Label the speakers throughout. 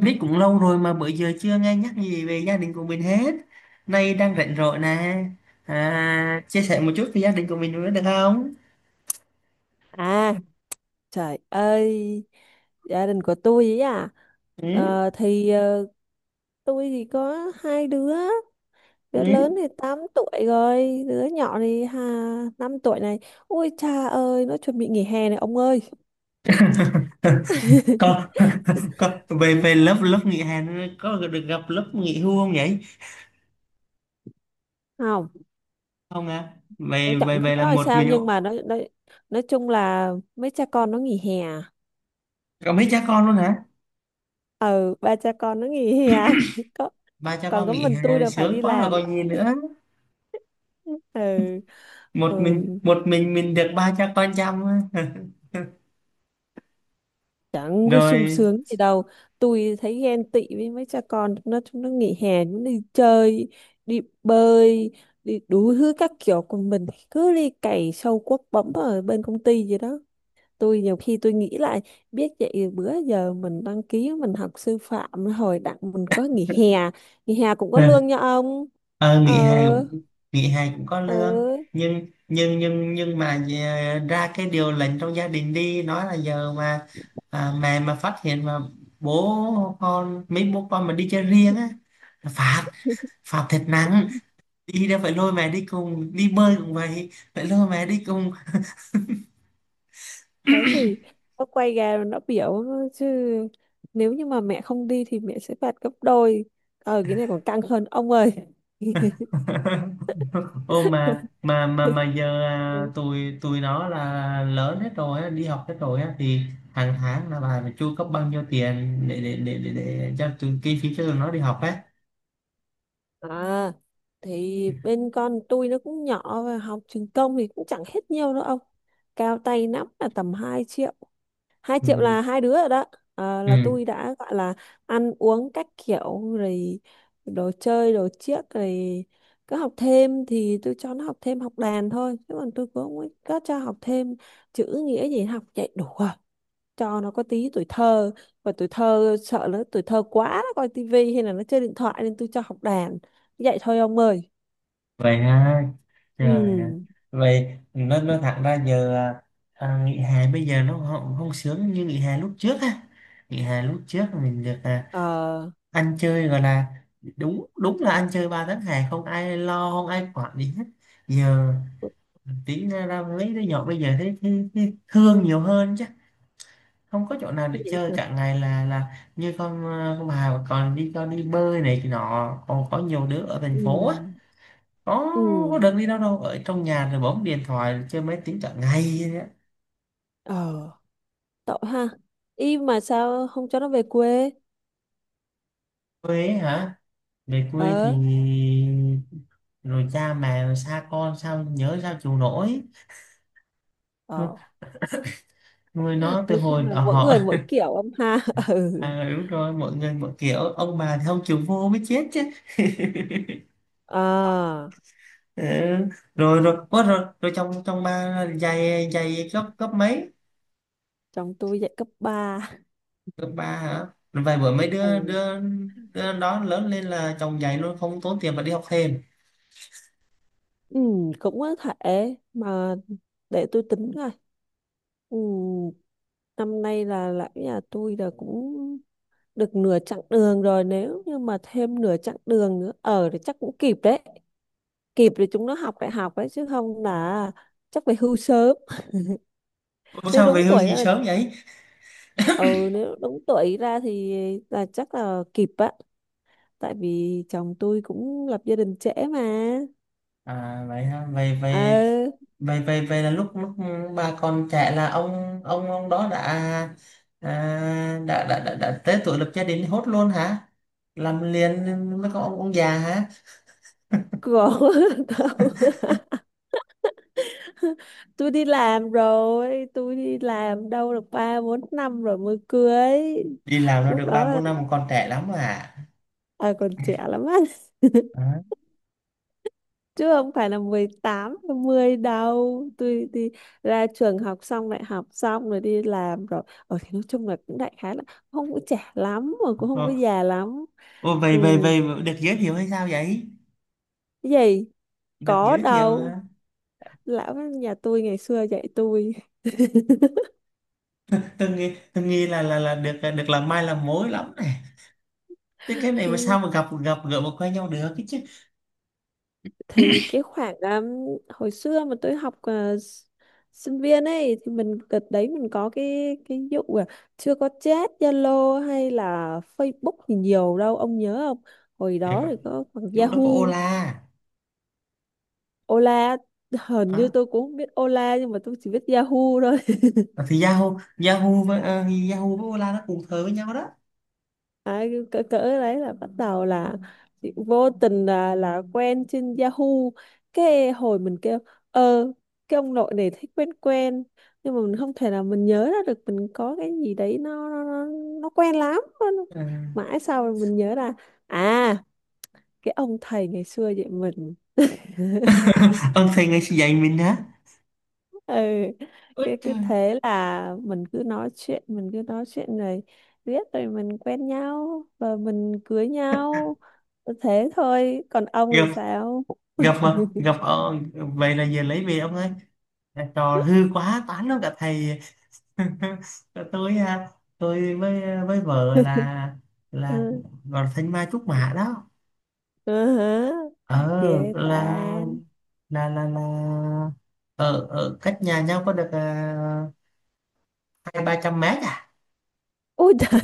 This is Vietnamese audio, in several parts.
Speaker 1: Biết cũng lâu rồi mà bữa giờ chưa nghe nhắc gì về gia đình của mình hết. Nay đang rảnh rỗi nè. À, chia sẻ một chút về gia đình của mình nữa được không?
Speaker 2: À, trời ơi, gia đình của tôi ấy à.
Speaker 1: Ừ,
Speaker 2: Ờ, thì ờ, tôi thì có hai đứa, đứa lớn
Speaker 1: ừ.
Speaker 2: thì 8 tuổi rồi, đứa nhỏ thì 5 tuổi này. Ôi cha ơi, nó chuẩn bị nghỉ hè này ông ơi.
Speaker 1: Còn, còn, về về lớp lớp nghỉ hè nữa, có được gặp lớp nghỉ hưu không nhỉ?
Speaker 2: Không,
Speaker 1: Không à, về
Speaker 2: cũng
Speaker 1: về
Speaker 2: chẳng biết
Speaker 1: về là
Speaker 2: nói
Speaker 1: một
Speaker 2: sao
Speaker 1: mình ạ.
Speaker 2: nhưng mà nó nói chung là mấy cha con nó nghỉ hè. À?
Speaker 1: Có mấy cha con luôn hả?
Speaker 2: Ừ, ba cha con nó nghỉ hè. Có,
Speaker 1: Ba cha
Speaker 2: còn
Speaker 1: con
Speaker 2: có
Speaker 1: nghỉ
Speaker 2: mình tôi
Speaker 1: hè
Speaker 2: là phải
Speaker 1: sướng
Speaker 2: đi
Speaker 1: quá rồi
Speaker 2: làm.
Speaker 1: còn gì nữa.
Speaker 2: Ừ.
Speaker 1: một mình
Speaker 2: Ừ.
Speaker 1: một mình mình được ba cha con chăm.
Speaker 2: Chẳng có sung
Speaker 1: Rồi.
Speaker 2: sướng gì đâu. Tôi thấy ghen tị với mấy cha con. Chúng nó nghỉ hè. Chúng nó đi chơi, đi bơi, đi đủ thứ các kiểu. Còn mình thì cứ đi cày sâu cuốc bấm ở bên công ty gì đó. Tôi nhiều khi tôi nghĩ lại, biết vậy bữa giờ mình đăng ký mình học sư phạm. Hồi đặng mình có nghỉ hè, nghỉ hè cũng có lương nha ông.
Speaker 1: Ờ, Nghỉ hè
Speaker 2: Ờ.
Speaker 1: cũng. Nghỉ hè cũng có
Speaker 2: Ờ.
Speaker 1: lương. Nhưng mà, ra cái điều lệnh trong gia đình đi nói là giờ mà, mẹ mà phát hiện mà bố con mấy bố con mà đi chơi riêng á là phạt, phạt thật nặng. Đi đâu phải lôi mẹ đi cùng, đi bơi cũng vậy, phải lôi mẹ đi cùng.
Speaker 2: Đấy thì nó quay ra nó biểu chứ, nếu như mà mẹ không đi thì mẹ sẽ phạt gấp đôi. Ờ, cái này còn căng hơn ông ơi.
Speaker 1: Ô, mà mà mà mà giờ tụi tụi nó là lớn hết rồi á, đi học hết rồi á, thì hàng tháng là bà phải chu cấp bao nhiêu tiền để cho tụi, kinh phí cho tụi nó đi học á.
Speaker 2: À, thì bên con tôi nó cũng nhỏ và học trường công thì cũng chẳng hết nhiều đâu ông. Cao tay lắm là tầm 2 triệu. 2 triệu
Speaker 1: Ừ.
Speaker 2: là hai đứa rồi đó. Ờ, là
Speaker 1: Ừ.
Speaker 2: tôi đã gọi là ăn uống các kiểu rồi, đồ chơi đồ chiếc rồi. Cứ học thêm thì tôi cho nó học thêm học đàn thôi, chứ còn tôi cũng không có cho học thêm chữ nghĩa gì, học chạy đủ rồi. Cho nó có tí tuổi thơ. Và tuổi thơ sợ nó tuổi thơ quá nó coi tivi hay là nó chơi điện thoại nên tôi cho học đàn. Vậy thôi ông ơi.
Speaker 1: Vậy ha,
Speaker 2: Ừ.
Speaker 1: trời ạ. Vậy nó thẳng ra giờ, nghỉ hè bây giờ nó không không sướng như nghỉ hè lúc trước á. Nghỉ hè lúc trước mình được
Speaker 2: Ờ.
Speaker 1: ăn chơi gọi là, đúng đúng là ăn chơi, ba tháng hè không ai lo không ai quản gì hết. Giờ tí ra ra mấy đứa nhỏ bây giờ thấy thương nhiều hơn chứ. Không có chỗ nào
Speaker 2: Vậy.
Speaker 1: để
Speaker 2: Vậy
Speaker 1: chơi
Speaker 2: hả?
Speaker 1: cả ngày, là như con con Hà mà còn đi cho đi bơi này kia nọ, còn có nhiều đứa ở thành
Speaker 2: Ừ.
Speaker 1: phố á. có
Speaker 2: Ừ ừ.
Speaker 1: có được đi đâu, đâu ở trong nhà rồi bấm điện thoại chơi máy tính cả ngày vậy á.
Speaker 2: Ờ, tội ha. Y mà sao không cho nó về quê.
Speaker 1: Quê ấy hả? Về quê thì
Speaker 2: Ờ.
Speaker 1: rồi cha mẹ xa con sao nhớ sao chịu nổi. nuôi
Speaker 2: Ờ.
Speaker 1: nuôi nó từ
Speaker 2: Nói
Speaker 1: hồi
Speaker 2: chung là
Speaker 1: ở
Speaker 2: mỗi
Speaker 1: họ.
Speaker 2: người mỗi kiểu ông ha. Ừ.
Speaker 1: Đúng rồi, mọi người mọi kiểu, ông bà thì không chịu vô mới chết chứ.
Speaker 2: À,
Speaker 1: Ừ. Rồi rồi, ủa, rồi rồi trong trong ba dạy dạy cấp cấp mấy?
Speaker 2: chồng tôi dạy cấp ba.
Speaker 1: Cấp ba hả? Rồi vài bữa mấy đứa
Speaker 2: Ừ.
Speaker 1: đứa đứa đó lớn lên là chồng dạy luôn, không tốn tiền mà đi học thêm.
Speaker 2: Ừ, cũng có thể mà, để tôi tính coi. Ừ, năm nay là lão nhà tôi là cũng được nửa chặng đường rồi, nếu như mà thêm nửa chặng đường nữa ở thì chắc cũng kịp đấy. Kịp để chúng nó học đại học đấy, chứ không là chắc phải hưu sớm.
Speaker 1: Ủa
Speaker 2: Nếu
Speaker 1: sao về
Speaker 2: đúng
Speaker 1: hưu
Speaker 2: tuổi đó
Speaker 1: gì
Speaker 2: là,
Speaker 1: sớm vậy?
Speaker 2: ừ nếu đúng tuổi ra thì là chắc là kịp á. Tại vì chồng tôi cũng lập gia đình trễ mà.
Speaker 1: À vậy ha, vậy
Speaker 2: ờ
Speaker 1: vậy vậy vậy vậy là lúc lúc bà còn trẻ là ông đó đã à, đã, đã tới tuổi lập gia đình, hốt luôn hả? Làm liền mới có ông già hả?
Speaker 2: còn tao- tôi đi làm rồi, tôi đi làm đâu được ba bốn năm rồi mới cưới.
Speaker 1: Đi làm nó
Speaker 2: Lúc
Speaker 1: được
Speaker 2: đó
Speaker 1: ba
Speaker 2: là,
Speaker 1: bốn năm còn trẻ lắm à?
Speaker 2: à, còn trẻ lắm á. Chứ không phải là 18 mười đâu. Tôi đi ra trường học xong, đại học xong rồi đi làm rồi ở thì nói chung là cũng đại khái là không có trẻ lắm mà cũng không có
Speaker 1: Đó.
Speaker 2: già lắm.
Speaker 1: Ô vậy
Speaker 2: Ừ.
Speaker 1: vậy vậy được giới thiệu hay sao vậy?
Speaker 2: Cái gì?
Speaker 1: Được
Speaker 2: Có
Speaker 1: giới thiệu
Speaker 2: đâu,
Speaker 1: hả?
Speaker 2: lão nhà tôi ngày xưa dạy tôi.
Speaker 1: Tôi nghĩ là được được làm mai làm mối lắm này. Thế cái này mà sao
Speaker 2: Ừ,
Speaker 1: mà gặp gặp gỡ mà quen nhau được cái chứ?
Speaker 2: thì cái khoảng hồi xưa mà tôi học sinh viên ấy thì mình đợt đấy mình có cái vụ là chưa có chat Zalo hay là Facebook thì nhiều đâu ông nhớ không. Hồi
Speaker 1: Thì
Speaker 2: đó
Speaker 1: có-
Speaker 2: thì có khoảng
Speaker 1: Lúc đó
Speaker 2: Yahoo.
Speaker 1: có Ola.
Speaker 2: Ola, hình như
Speaker 1: Đó.
Speaker 2: tôi cũng không biết Ola nhưng mà tôi chỉ biết Yahoo thôi.
Speaker 1: À, thì Yahoo Yahoo với ờ, Yahoo với Ola nó cùng thời với nhau đó.
Speaker 2: Đấy, cỡ đấy là bắt đầu là chị vô tình là quen trên Yahoo. Cái hồi mình kêu ờ cái ông nội này thấy quen quen, nhưng mà mình không thể nào mình nhớ ra được. Mình có cái gì đấy nó nó quen lắm.
Speaker 1: Ừ.
Speaker 2: Mãi sau rồi mình nhớ ra, à cái ông thầy ngày xưa vậy mình.
Speaker 1: Ông thầy ngày dạy mình hả?
Speaker 2: Ừ,
Speaker 1: Ôi
Speaker 2: cái cứ
Speaker 1: trời.
Speaker 2: thế là mình cứ nói chuyện rồi biết rồi mình quen nhau và mình cưới nhau. Thế thôi, còn ông thì
Speaker 1: Gặp
Speaker 2: sao.
Speaker 1: gặp mà gặp ờ, Vậy là giờ lấy về ông ơi. À, trò hư quá tán luôn cả thầy. tôi à, tôi với vợ là
Speaker 2: Ừ.
Speaker 1: cũng gọi là thanh mai trúc mã đó.
Speaker 2: Ừ hả.
Speaker 1: ờ
Speaker 2: Ghê ta.
Speaker 1: là là ở ở cách nhà nhau có được hai ba trăm mét à.
Speaker 2: Ôi trời.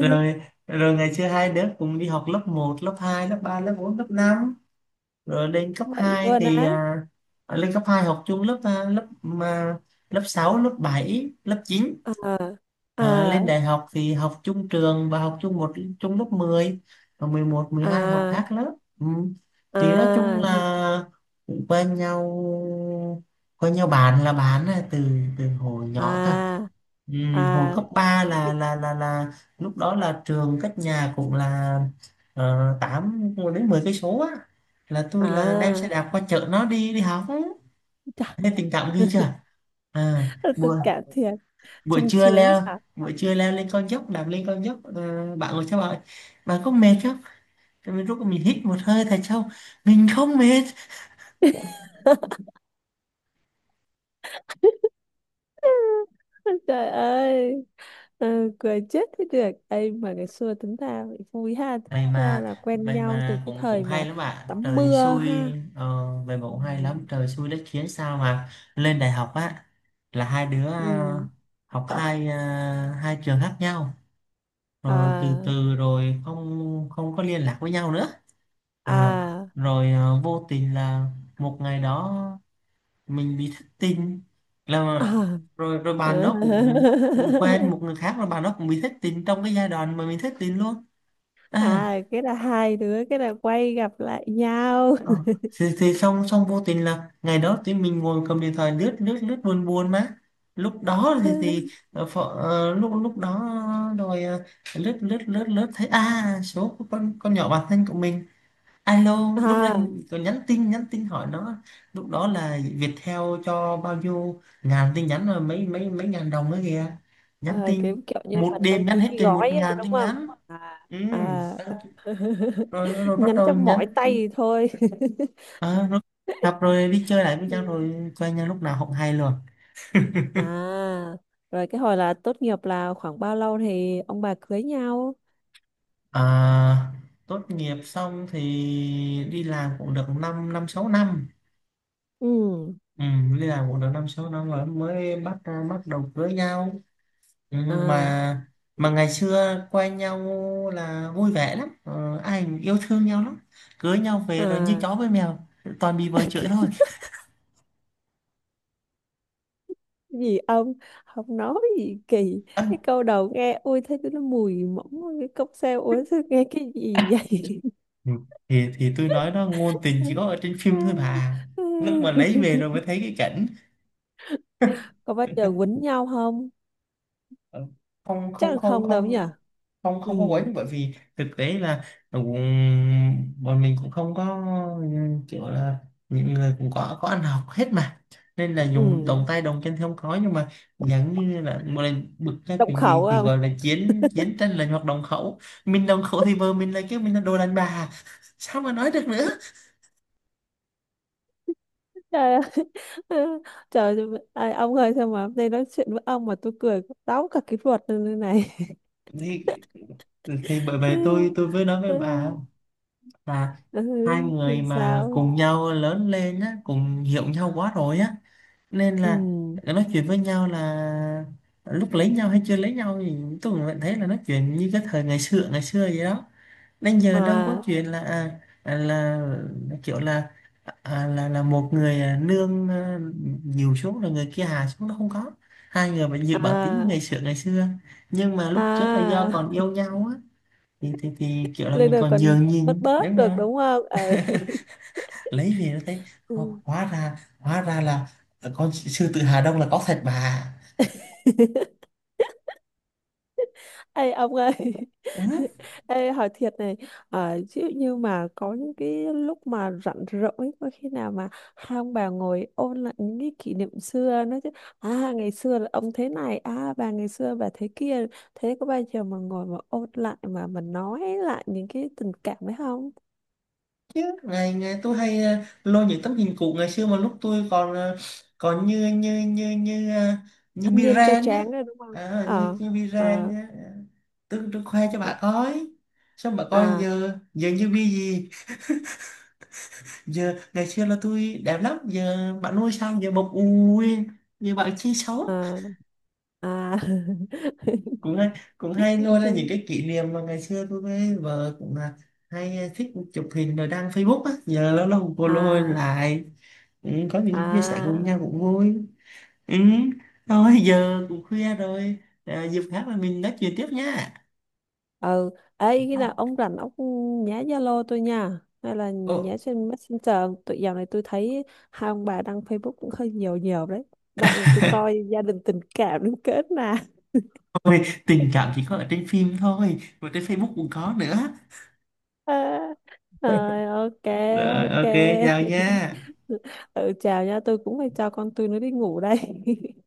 Speaker 1: rồi rồi ngày xưa hai đứa cùng đi học lớp một lớp 2 lớp 3 lớp 4 lớp năm, rồi lên cấp
Speaker 2: Vậy
Speaker 1: 2
Speaker 2: luôn
Speaker 1: thì,
Speaker 2: á.
Speaker 1: lên cấp 2 học chung lớp, lớp lớp 6 lớp 7 lớp chín.
Speaker 2: À à
Speaker 1: À,
Speaker 2: à
Speaker 1: lên đại học thì học chung trường và học chung, chung lớp 10 và 11, 12 học khác lớp. Ừ. Thì nói chung
Speaker 2: à
Speaker 1: là quen nhau quen nhau, bạn là bạn á, từ từ hồi nhỏ cơ.
Speaker 2: à
Speaker 1: Ừ. Hồi
Speaker 2: à
Speaker 1: cấp 3 là lúc đó là trường cách nhà cũng là 8 đến 10 cây số á, là tôi đem xe
Speaker 2: à.
Speaker 1: đạp qua chợ nó đi đi học á.
Speaker 2: Chà,
Speaker 1: Nên tình cảm ghê chưa? à, bữa
Speaker 2: tôi cảm thiệt.
Speaker 1: buổi
Speaker 2: Sung
Speaker 1: trưa
Speaker 2: sướng
Speaker 1: leo
Speaker 2: nhở.
Speaker 1: buổi trưa leo lên con dốc, đạp lên con dốc, bạn ngồi theo, bạn bạn có mệt không? Rồi mình rút mình hít một hơi thật sâu, mình không mệt.
Speaker 2: Trời ơi. Ừ, cười chết thế được. Ê mà ngày xưa tính ra vậy vui ha. Tính
Speaker 1: vậy
Speaker 2: ra
Speaker 1: mà
Speaker 2: là quen
Speaker 1: vậy
Speaker 2: nhau từ
Speaker 1: mà
Speaker 2: cái
Speaker 1: cũng cũng
Speaker 2: thời
Speaker 1: hay
Speaker 2: mà
Speaker 1: lắm bạn,
Speaker 2: tắm
Speaker 1: trời
Speaker 2: mưa
Speaker 1: xui.
Speaker 2: ha.
Speaker 1: ờ, Vậy mà
Speaker 2: Ừ.
Speaker 1: cũng hay lắm, trời xui đất khiến sao mà lên đại học á là hai đứa
Speaker 2: Ừ.
Speaker 1: học hai trường khác nhau, rồi từ
Speaker 2: À
Speaker 1: từ rồi không không có liên lạc với nhau nữa. à,
Speaker 2: à
Speaker 1: Rồi vô tình là một ngày đó mình bị thất tình, là
Speaker 2: à.
Speaker 1: rồi rồi bạn đó cũng cũng quen một người khác, rồi bạn đó cũng bị thất tình trong cái giai đoạn mà mình thất tình luôn. À.
Speaker 2: À, cái là hai đứa cái là quay gặp lại nhau.
Speaker 1: Ờ. thì xong xong vô tình là ngày đó tụi mình ngồi cầm điện thoại lướt lướt lướt, buồn buồn mà. Lúc đó thì ờ, phở, ờ, lúc lúc đó. Rồi lướt lướt lướt lướt thấy à số của con nhỏ bạn thân của mình. Alo lúc đó
Speaker 2: À,
Speaker 1: còn nhắn tin hỏi nó, lúc đó là Viettel cho bao nhiêu ngàn tin nhắn rồi mấy mấy mấy ngàn đồng nữa kìa. Nhắn
Speaker 2: à
Speaker 1: tin
Speaker 2: kiểu kiểu như
Speaker 1: một
Speaker 2: mình đăng
Speaker 1: đêm nhắn
Speaker 2: ký
Speaker 1: hết
Speaker 2: cái
Speaker 1: chừng một
Speaker 2: gói á,
Speaker 1: ngàn
Speaker 2: đúng
Speaker 1: tin
Speaker 2: không.
Speaker 1: nhắn.
Speaker 2: À
Speaker 1: Ừ.
Speaker 2: à.
Speaker 1: Xong rồi rồi bắt
Speaker 2: Nhắn
Speaker 1: đầu
Speaker 2: cho mỏi
Speaker 1: nhắn
Speaker 2: tay thì
Speaker 1: tin.
Speaker 2: thôi.
Speaker 1: Ờ, rồi gặp rồi đi chơi lại với nhau,
Speaker 2: Ừ.
Speaker 1: rồi quen nhau lúc nào không hay luôn.
Speaker 2: À, rồi cái hồi là tốt nghiệp là khoảng bao lâu thì ông bà cưới nhau?
Speaker 1: à, Tốt nghiệp xong thì đi làm cũng được 5 năm năm sáu năm.
Speaker 2: Ừ,
Speaker 1: Ừ, đi làm cũng được 5 6 năm rồi mới bắt bắt đầu cưới nhau. Ừ,
Speaker 2: à,
Speaker 1: mà mà ngày xưa quen nhau là vui vẻ lắm, ai cũng yêu thương nhau lắm. Cưới nhau về rồi như
Speaker 2: à,
Speaker 1: chó với mèo, toàn bị vợ chửi
Speaker 2: cái
Speaker 1: thôi.
Speaker 2: gì ông, không nói gì kỳ. Cái
Speaker 1: Ân.
Speaker 2: câu đầu nghe ôi thấy nó mùi mỏng ôi, cái cốc xe ôi sao nghe cái gì vậy.
Speaker 1: Ừ, thì tôi nói đó, ngôn tình chỉ có ở trên phim thôi bà, lúc mà lấy về rồi mới thấy cái cảnh.
Speaker 2: Có bao giờ quýnh nhau không?
Speaker 1: Ờ, không
Speaker 2: Chắc
Speaker 1: không
Speaker 2: là
Speaker 1: không
Speaker 2: không đâu nhỉ.
Speaker 1: không không
Speaker 2: Ừ
Speaker 1: không có quấy, bởi vì thực tế là cũng, bọn mình cũng không có kiểu là, những người cũng có ăn học hết mà, nên là dùng động
Speaker 2: ừ,
Speaker 1: tay động chân thì không có, nhưng mà giống như là một lần bực ra
Speaker 2: động
Speaker 1: chuyện gì
Speaker 2: khẩu.
Speaker 1: thì gọi là chiến chiến tranh lành hoặc đồng khẩu. Mình đồng khẩu thì vợ mình là kêu mình là đồ đàn bà, sao mà nói được nữa.
Speaker 2: Trời ơi. Trời ơi, ông ơi sao mà hôm nay nói chuyện với ông mà tôi cười táo cả cái ruột lên như này.
Speaker 1: Thì thì bởi vậy tôi tôi mới nói với bà
Speaker 2: Ừ,
Speaker 1: là
Speaker 2: ừ,
Speaker 1: hai người
Speaker 2: ừ,
Speaker 1: mà
Speaker 2: Sao?
Speaker 1: cùng nhau lớn lên á, cùng hiểu nhau quá rồi á, nên
Speaker 2: Ừ.
Speaker 1: là nói chuyện với nhau là lúc lấy nhau hay chưa lấy nhau thì tôi cũng vẫn thấy là nói chuyện như cái thời ngày xưa vậy đó, đến giờ đâu có
Speaker 2: À
Speaker 1: chuyện là kiểu là là một người nương nhiều xuống rồi người kia hạ xuống, nó không có. Hai người vẫn giữ bản tính
Speaker 2: à
Speaker 1: ngày xưa ngày xưa, nhưng mà lúc trước là do
Speaker 2: à.
Speaker 1: còn yêu nhau á thì thì kiểu là
Speaker 2: Lên
Speaker 1: mình
Speaker 2: rồi
Speaker 1: còn
Speaker 2: còn
Speaker 1: nhường
Speaker 2: bớt
Speaker 1: nhịn
Speaker 2: bớt
Speaker 1: đúng
Speaker 2: được
Speaker 1: không?
Speaker 2: đúng không? Ừ.
Speaker 1: Lấy về nó thấy
Speaker 2: Ừ.
Speaker 1: hóa ra là con sư tử Hà Đông là có thật bà.
Speaker 2: Ê ông ơi.
Speaker 1: Ừ.
Speaker 2: Ê hỏi thiệt này. Ví dụ như mà có những cái lúc mà rảnh rỗi, có khi nào mà hai ông bà ngồi ôn lại những cái kỷ niệm xưa? Nói chứ à ngày xưa là ông thế này, à bà ngày xưa bà thế kia. Thế có bao giờ mà ngồi mà ôn lại, mà nói lại những cái tình cảm đấy không?
Speaker 1: Ngày ngày tôi hay lôi những tấm hình cũ ngày xưa mà lúc tôi còn còn như như như như ờ, như
Speaker 2: Thanh niên trai
Speaker 1: Biren nhá.
Speaker 2: tráng đấy đúng không.
Speaker 1: à, như
Speaker 2: Ờ.
Speaker 1: như Biren
Speaker 2: Ờ.
Speaker 1: nhá. Tôi khoe cho
Speaker 2: Ê.
Speaker 1: bà coi, xong bà coi
Speaker 2: À.
Speaker 1: giờ giờ như bi gì. Giờ ngày xưa là tôi đẹp lắm, giờ bạn nuôi sao giờ bọc ui, giờ bạn chi xấu.
Speaker 2: À. À.
Speaker 1: Cũng hay cũng hay lôi ra những cái kỷ niệm mà ngày xưa tôi với vợ cũng là hay thích chụp hình rồi đăng Facebook á, giờ lâu lâu cô lôi
Speaker 2: À.
Speaker 1: lại. Ừ, có những chia sẻ cùng
Speaker 2: À.
Speaker 1: nhau cũng vui. Ừ. Thôi giờ cũng khuya rồi, dịp khác là mình nói chuyện tiếp nha.
Speaker 2: Ừ. Ấy khi nào ông rảnh, ông nhá Zalo tôi nha hay là
Speaker 1: Ồ,
Speaker 2: nhá trên Messenger. Tụi dạo này tôi thấy hai ông bà đăng Facebook cũng hơi nhiều nhiều đấy, đặng tôi coi gia đình tình cảm đến kết nè.
Speaker 1: tình cảm chỉ có ở trên phim thôi mà trên Facebook cũng có nữa.
Speaker 2: Rồi ok.
Speaker 1: Rồi
Speaker 2: Ok.
Speaker 1: ok. Chào nha.
Speaker 2: Ừ chào nha, tôi cũng phải cho con tôi nó đi ngủ đây.